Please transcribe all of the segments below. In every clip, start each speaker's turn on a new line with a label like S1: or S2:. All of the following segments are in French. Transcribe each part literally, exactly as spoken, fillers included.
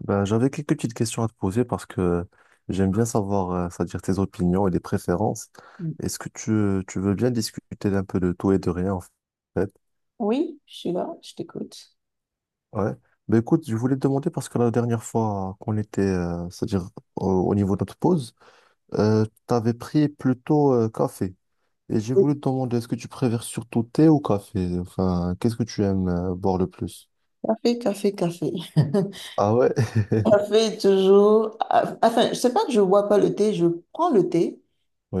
S1: Ben, j'avais quelques petites questions à te poser parce que j'aime bien savoir, euh, c'est-à-dire tes opinions et les préférences. Est-ce que tu, tu veux bien discuter d'un peu de tout et de rien en fait?
S2: Oui, je suis là, je t'écoute.
S1: Ouais. Ben écoute, je voulais te demander parce que la dernière fois qu'on était, euh, c'est-à-dire au, au niveau de notre pause, euh, tu avais pris plutôt euh, café. Et j'ai
S2: Oui,
S1: voulu te demander, est-ce que tu préfères surtout thé ou café? Enfin, qu'est-ce que tu aimes euh, boire le plus?
S2: café, café, café.
S1: Ah ouais?
S2: Café toujours. ah, Enfin, c'est pas que je bois pas le thé, je prends le thé,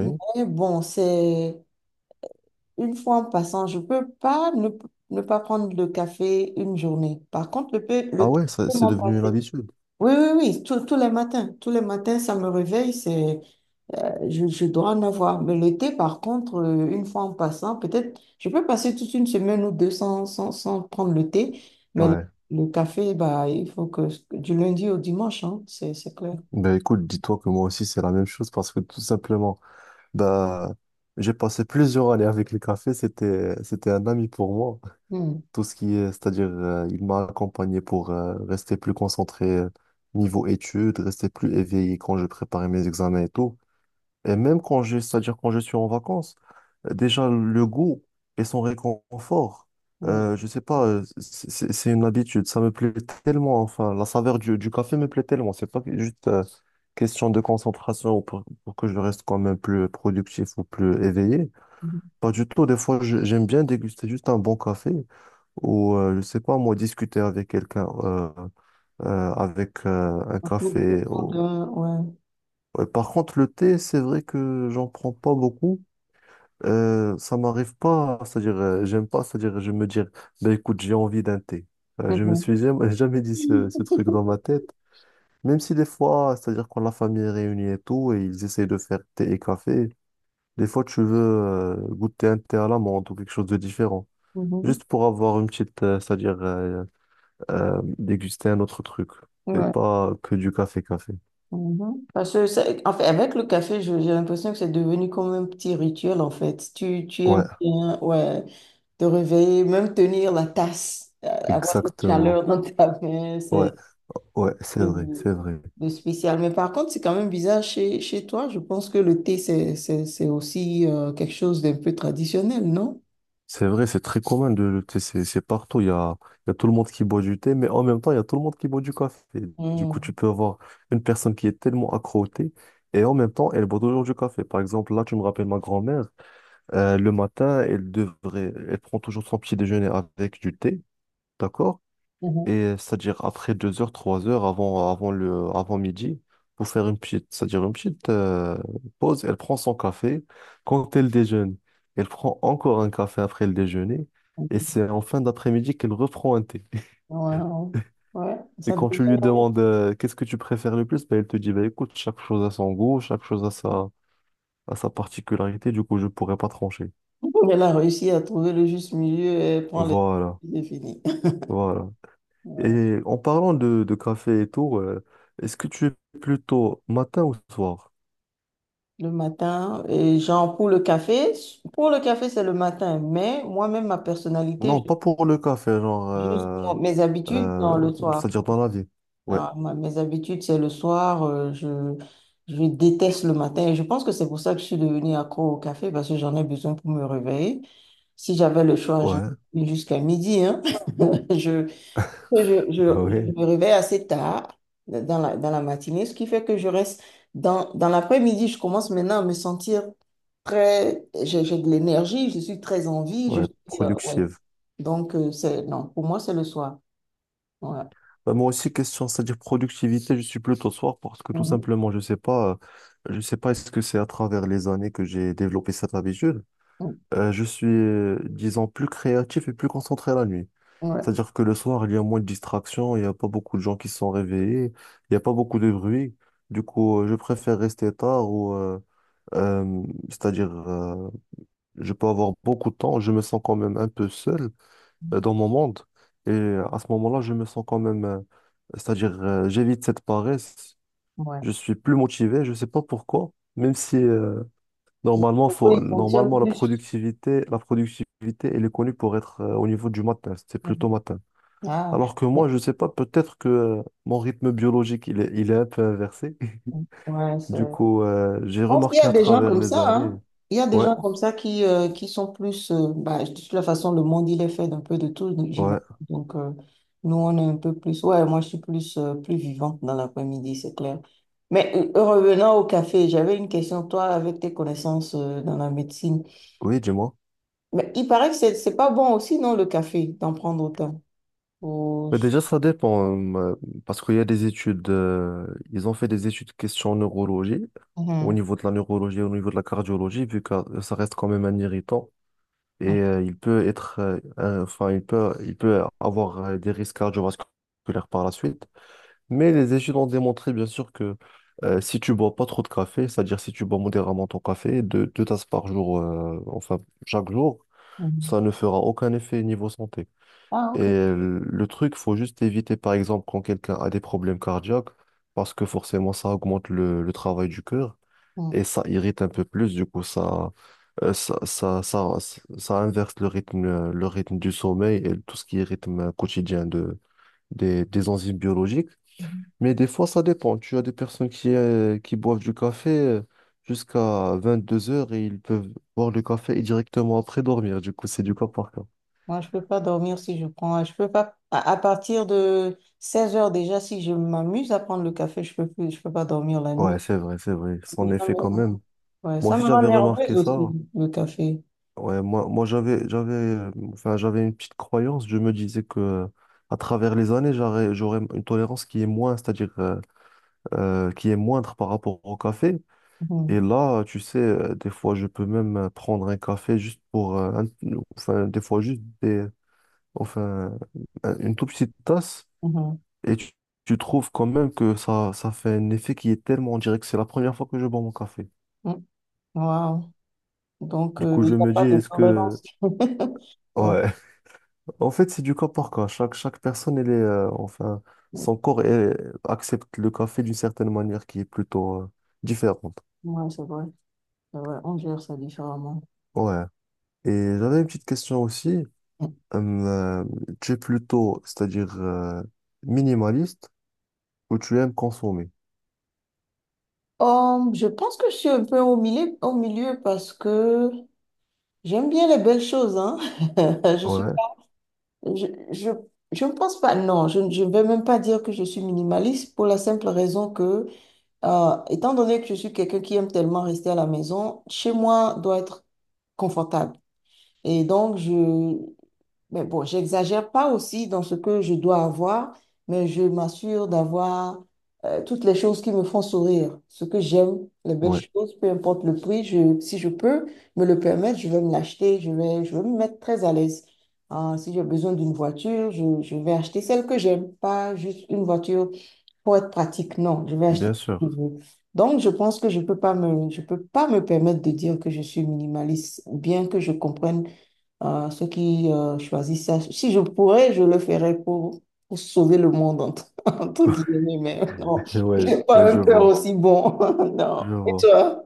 S2: mais bon, c'est une fois en passant, je peux pas ne, ne pas prendre le café une journée. Par contre, le, thé-
S1: Ah
S2: le thé,
S1: ouais, ça-
S2: je peux
S1: c'est
S2: m'en
S1: devenu une
S2: passer.
S1: habitude.
S2: Oui, oui, oui, tous tous les matins, tous les matins, ça me réveille, c'est Je, je dois en avoir. Mais l'été, par contre, euh, une fois en passant, peut-être, je peux passer toute une semaine ou deux sans, sans, sans prendre le thé, mais le,
S1: Ouais.
S2: le café, bah, il faut que du lundi au dimanche, hein, c'est, c'est clair.
S1: Ben écoute, dis-toi que moi aussi c'est la même chose parce que tout simplement, bah, j'ai passé plusieurs années avec le café, c'était, c'était un ami pour moi.
S2: Hmm,
S1: Tout ce qui est, c'est-à-dire, euh, il m'a accompagné pour euh, rester plus concentré euh, niveau études, rester plus éveillé quand je préparais mes examens et tout. Et même quand je, c'est-à-dire quand je suis en vacances, euh, déjà le goût et son réconfort,
S2: ouais.
S1: euh, je sais pas, euh, c'est c'est- c'est une habitude, ça me plaît tellement, enfin, la saveur du, du café me plaît tellement, c'est pas que- juste euh, question de concentration ou pour, pour que je reste quand même plus productif ou plus éveillé. Pas du tout, des fois je- j'aime bien déguster juste un bon café ou, euh, je sais pas, moi, discuter avec quelqu'un euh, euh, avec euh, un
S2: Autour de-
S1: café.
S2: autour
S1: Ou...
S2: de- ouais.
S1: Ouais. Par contre, le thé, c'est vrai que j'en prends pas beaucoup. Euh, ça m'arrive pas, c'est-à-dire, euh, j'aime pas, c'est-à-dire, je me dire, ben écoute, j'ai envie d'un thé. Euh, je me
S2: Mhm.
S1: suis jamais, jamais dit ce, ce truc dans ma tête, même si des fois, c'est-à-dire, quand la famille est réunie et tout, et ils essayent de faire thé et café, des fois, tu veux euh, goûter un thé à l'amande ou quelque chose de différent,
S2: Mhm.
S1: juste pour avoir une petite, euh, c'est-à-dire, euh, euh, déguster un autre truc, et
S2: Ouais.
S1: pas que du café-café.
S2: Mhm. Parce que, c'est- en fait, avec le café, je- j'ai l'impression que c'est devenu comme un petit rituel, en fait. Tu, tu
S1: Ouais,
S2: aimes bien, ouais, te réveiller, même tenir la tasse, euh, avoir cette
S1: exactement.
S2: chaleur dans ta main,
S1: Ouais,
S2: c'est
S1: ouais, c'est vrai,
S2: de,
S1: c'est vrai.
S2: de spécial. Mais par contre, c'est quand même bizarre chez, chez toi. Je pense que le thé, c'est, c'est, c'est aussi euh, quelque chose d'un peu traditionnel, non?
S1: C'est vrai, c'est très commun de le thé, c'est c'est partout. Il y a, il y a tout le monde qui boit du thé, mais en même temps, il y a tout le monde qui boit du café. Du coup, tu
S2: Mm.
S1: peux avoir une personne qui est tellement accro au thé et en même temps, elle boit toujours du café. Par exemple, là, tu me rappelles ma grand-mère. Euh, le matin, elle devrait, elle prend toujours son petit déjeuner avec du thé, d'accord?
S2: Mhm.
S1: Et c'est-à-dire après deux heures, trois heures avant, avant, le, avant midi, pour faire une petite, c'est-à-dire une petite euh, pause, elle prend son café. Quand elle déjeune, elle prend encore un café après le déjeuner. Et c'est en fin d'après-midi qu'elle reprend un thé.
S2: Wow. Ouais,
S1: Et
S2: ça
S1: quand
S2: devient...
S1: tu lui demandes euh, qu'est-ce que tu préfères le plus, ben, elle te dit, bah, écoute, chaque chose a son goût, chaque chose a sa, a sa particularité, du coup, je pourrais pas trancher.
S2: Elle a réussi à trouver le juste milieu et prend les...
S1: Voilà,
S2: C'est fini.
S1: voilà.
S2: Ouais.
S1: Et en parlant de, de café et tout, euh, est-ce que tu es plutôt matin ou soir?
S2: Le matin, et genre pour le café, pour le café, c'est le matin, mais moi-même, ma
S1: Non,
S2: personnalité,
S1: pas pour le café, genre,
S2: je- juste
S1: euh,
S2: mon- mes habitudes
S1: euh,
S2: dans le soir.
S1: c'est-à-dire dans la vie. Ouais,
S2: Alors, moi, mes habitudes, c'est le soir, euh, je, je déteste le matin. Et je pense que c'est pour ça que je suis devenue accro au café, parce que j'en ai besoin pour me réveiller. Si j'avais le choix, je
S1: ouais,
S2: jusqu'à midi, hein. Je, je, je,
S1: bah
S2: je
S1: ouais,
S2: me réveille assez tard dans la, dans la matinée, ce qui fait que je reste dans, dans l'après-midi. Je commence maintenant à me sentir très... J'ai j'ai de l'énergie, je suis très en vie, je
S1: ouais,
S2: suis... euh, ouais.
S1: productive.
S2: Donc, euh, c'est, non, pour moi, c'est le soir. Ouais.
S1: Bah moi aussi, question, c'est-à-dire productivité, je suis plutôt soir parce que tout
S2: Mhm.
S1: simplement, je sais pas, euh, je sais pas est-ce que c'est à travers les années que j'ai développé cette habitude.
S2: Ouais.
S1: Euh, je suis, euh, disons, plus créatif et plus concentré la nuit.
S2: Ouais.
S1: C'est-à-dire que le soir, il y a moins de distractions, il n'y a pas beaucoup de gens qui sont réveillés, il n'y a pas beaucoup de bruit. Du coup, euh, je préfère rester tard ou, euh, euh, c'est-à-dire euh, je peux avoir beaucoup de temps, je me sens quand même un peu seul euh, dans mon monde. Et à ce moment-là, je me sens quand même, euh, c'est-à-dire, euh, j'évite cette paresse,
S2: Ouais.
S1: je suis plus motivé, je ne sais pas pourquoi, même si euh, normalement,
S2: Pourquoi
S1: faut,
S2: ils fonctionnent
S1: normalement la
S2: plus?
S1: productivité, la productivité, elle est connue pour être euh, au niveau du matin, c'est plutôt matin.
S2: Ah,
S1: Alors que
S2: mais-
S1: moi, je ne sais pas, peut-être que euh, mon rythme biologique, il est, il est un peu inversé.
S2: ouais, c'est-
S1: Du coup,
S2: je
S1: euh, j'ai
S2: pense qu'il y
S1: remarqué
S2: a
S1: à
S2: des gens
S1: travers
S2: comme
S1: les
S2: ça,
S1: années.
S2: hein. Il y a des
S1: Ouais,
S2: gens comme ça qui, euh, qui sont plus... euh, bah, de toute la façon, le monde, il est fait d'un peu de tout, donc
S1: ouais,
S2: j'imagine. Donc, euh, nous, on est un peu plus... Ouais, moi, je suis plus, euh, plus vivante dans l'après-midi, c'est clair. Mais euh, revenant au café, j'avais une question, toi, avec tes connaissances, euh, dans la médecine.
S1: oui, dis-moi.
S2: Mais il paraît que c'est, c'est pas bon aussi, non, le café, d'en prendre autant. Faut-
S1: Mais déjà, ça dépend, euh, parce qu'il y a des études, euh, ils ont fait des études question neurologie, au
S2: Mhm.
S1: niveau de la neurologie, au niveau de la cardiologie, vu que ça reste quand même un irritant, et euh, il peut être, euh, un- enfin, il peut, il peut avoir euh, des risques cardiovasculaires par la suite. Mais les études ont démontré, bien sûr, que euh, si tu bois pas trop de café, c'est-à-dire si tu bois modérément ton café, deux, deux tasses par jour, euh, enfin, chaque jour,
S2: Mhm.
S1: ça ne fera aucun effet niveau santé.
S2: Ah,
S1: Et
S2: ok.
S1: le truc, faut juste éviter, par exemple, quand quelqu'un a des problèmes cardiaques, parce que forcément, ça augmente le, le travail du cœur et ça irrite un peu plus. Du coup, ça, euh, ça, ça, ça, ça inverse le rythme, euh, le rythme du sommeil et tout ce qui est rythme quotidien de, des, des enzymes biologiques.
S2: Mhm.
S1: Mais des fois, ça dépend. Tu as des personnes qui, euh, qui boivent du café euh, jusqu'à deux heures et ils peuvent boire le café et directement après dormir. Du coup, c'est du cas par cas.
S2: Moi, je peux pas dormir si je prends. Je peux pas. À, à partir de seize heures déjà, si je m'amuse à prendre le café, je peux plus, je peux pas dormir la
S1: Ouais,
S2: nuit.
S1: c'est vrai, c'est vrai.
S2: Et puis,
S1: Son
S2: ça
S1: effet quand
S2: me-
S1: même.
S2: ouais,
S1: Moi
S2: ça
S1: aussi,
S2: me rend
S1: j'avais remarqué
S2: nerveuse aussi,
S1: ça.
S2: le café.
S1: Ouais, moi, moi j'avais, j'avais, euh, enfin, j'avais une petite croyance. Je me disais que euh, à travers les années, j'aurais, j'aurais une tolérance qui est moins, c'est-à-dire euh, euh, qui est moindre par rapport au café. Et
S2: Mhm,
S1: là, tu sais, euh, des fois, je peux même euh, prendre un café juste pour, euh, un- enfin, des fois juste des, enfin, un- une toute petite tasse.
S2: mhm,
S1: Et tu, tu trouves quand même que ça, ça fait un effet qui est tellement, on dirait que c'est la première fois que je bois mon café.
S2: mhm. Wow. Donc,
S1: Du
S2: euh,
S1: coup,
S2: il
S1: je
S2: n'y
S1: me
S2: a
S1: dis,
S2: pas de
S1: est-ce que,
S2: tolérance. Ouais,
S1: ouais. En fait, c'est du cas par cas. Chaque, chaque personne, elle est, euh, enfin, son corps elle, accepte le café d'une certaine manière qui est plutôt euh, différente.
S2: ouais, c'est vrai. C'est vrai. On gère ça différemment.
S1: Ouais. Et j'avais une petite question aussi. Hum, euh, Tu es plutôt, c'est-à-dire euh, minimaliste ou tu aimes consommer?
S2: Hum, je pense que je suis un peu au milieu, au milieu parce que j'aime bien les belles choses, hein. Je suis
S1: Ouais,
S2: Je, je, je ne pense pas, non, je je ne vais même pas dire que je suis minimaliste pour la simple raison que, euh, étant donné que je suis quelqu'un qui aime tellement rester à la maison, chez moi doit être confortable. Et donc, je, mais bon, j'exagère pas aussi dans ce que je dois avoir, mais je m'assure d'avoir euh, toutes les choses qui me font sourire, ce que j'aime, les belles
S1: ouais,
S2: choses, peu importe le prix, je, si je peux me le permettre, je vais me l'acheter, je vais, je vais me mettre très à l'aise. Ah, si j'ai besoin d'une voiture, je, je vais acheter celle que j'aime, pas juste une voiture pour être pratique, non, je vais acheter
S1: bien
S2: ce que je
S1: sûr.
S2: veux. Donc, je pense que je peux pas me, je peux pas me permettre de dire que je suis minimaliste, bien que je comprenne euh, ceux qui euh, choisissent ça. Si je pourrais, je le ferais pour, pour sauver le monde, entre, entre guillemets, mais non,
S1: Ouais,
S2: j'ai
S1: ouais,
S2: pas un
S1: je
S2: cœur
S1: vois,
S2: aussi bon. Non.
S1: je
S2: Et
S1: vois.
S2: toi?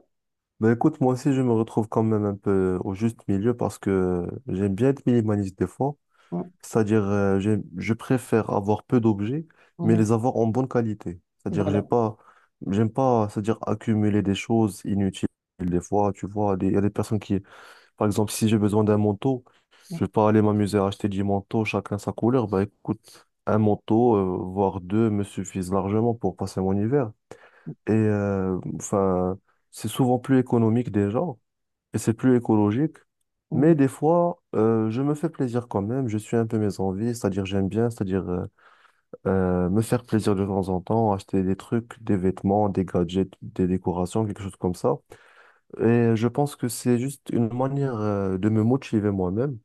S1: Ben écoute, moi aussi, je me retrouve quand même un peu au juste milieu parce que j'aime bien être minimaliste des fois. C'est-à-dire, euh, j'ai- je préfère avoir peu d'objets, mais
S2: Mhm.
S1: les avoir en bonne qualité. C'est-à-dire, j'ai
S2: Voilà.
S1: pas, j'aime pas, c'est-à-dire accumuler des choses inutiles. Des fois, tu vois, des- il y a des personnes qui, par exemple, si j'ai besoin d'un manteau, je vais pas aller m'amuser à acheter dix manteaux, chacun sa couleur. Bah écoute, un manteau, euh, voire deux, me suffisent largement pour passer mon hiver. Et euh, enfin, c'est souvent plus économique déjà et c'est plus écologique.
S2: Mhm.
S1: Mais des fois, euh, je me fais plaisir quand même. Je suis un peu mes envies, c'est-à-dire j'aime bien, c'est-à-dire euh, euh, me faire plaisir de temps en temps, acheter des trucs, des vêtements, des gadgets, des décorations, quelque chose comme ça. Et je pense que c'est juste une manière euh, de me motiver moi-même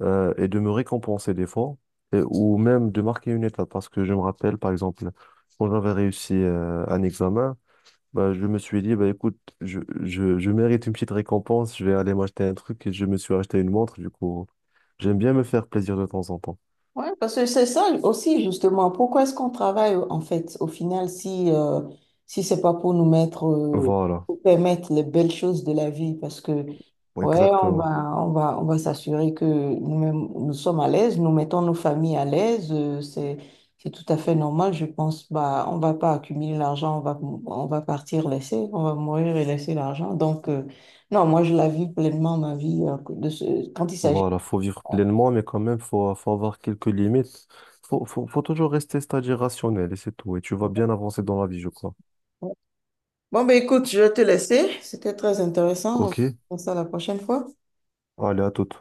S1: euh, et de me récompenser des fois, et- ou même de marquer une étape. Parce que je me rappelle, par exemple, quand j'avais réussi euh, un examen, bah, je me suis dit, bah, écoute, je, je, je mérite une petite récompense, je vais aller m'acheter un truc et je me suis acheté une montre, du coup, j'aime bien me faire plaisir de temps en temps.
S2: Ouais, parce que c'est ça aussi, justement. Pourquoi est-ce qu'on travaille, en fait, au final, si, euh, si c'est pas pour nous mettre, euh,
S1: Voilà,
S2: pour permettre les belles choses de la vie? Parce que, ouais, on
S1: exactement.
S2: va, on va, on va s'assurer que nous-mêmes, nous sommes à l'aise, nous mettons nos familles à l'aise. Euh, c'est, c'est tout à fait normal, je pense. Bah, on va pas accumuler l'argent, on va, on va partir laisser, on va mourir et laisser l'argent. Donc, euh, non, moi, je la vis pleinement, ma vie, euh, de ce, quand il s'agit.
S1: Voilà, faut vivre pleinement, mais quand même, faut, faut avoir quelques limites. Faut, faut, faut toujours rester, c'est-à-dire rationnel, et c'est tout. Et tu vas bien avancer dans la vie, je crois.
S2: Bon, ben écoute, je vais te laisser. C'était très intéressant. On va
S1: Ok?
S2: faire ça la prochaine fois.
S1: Allez, à toute.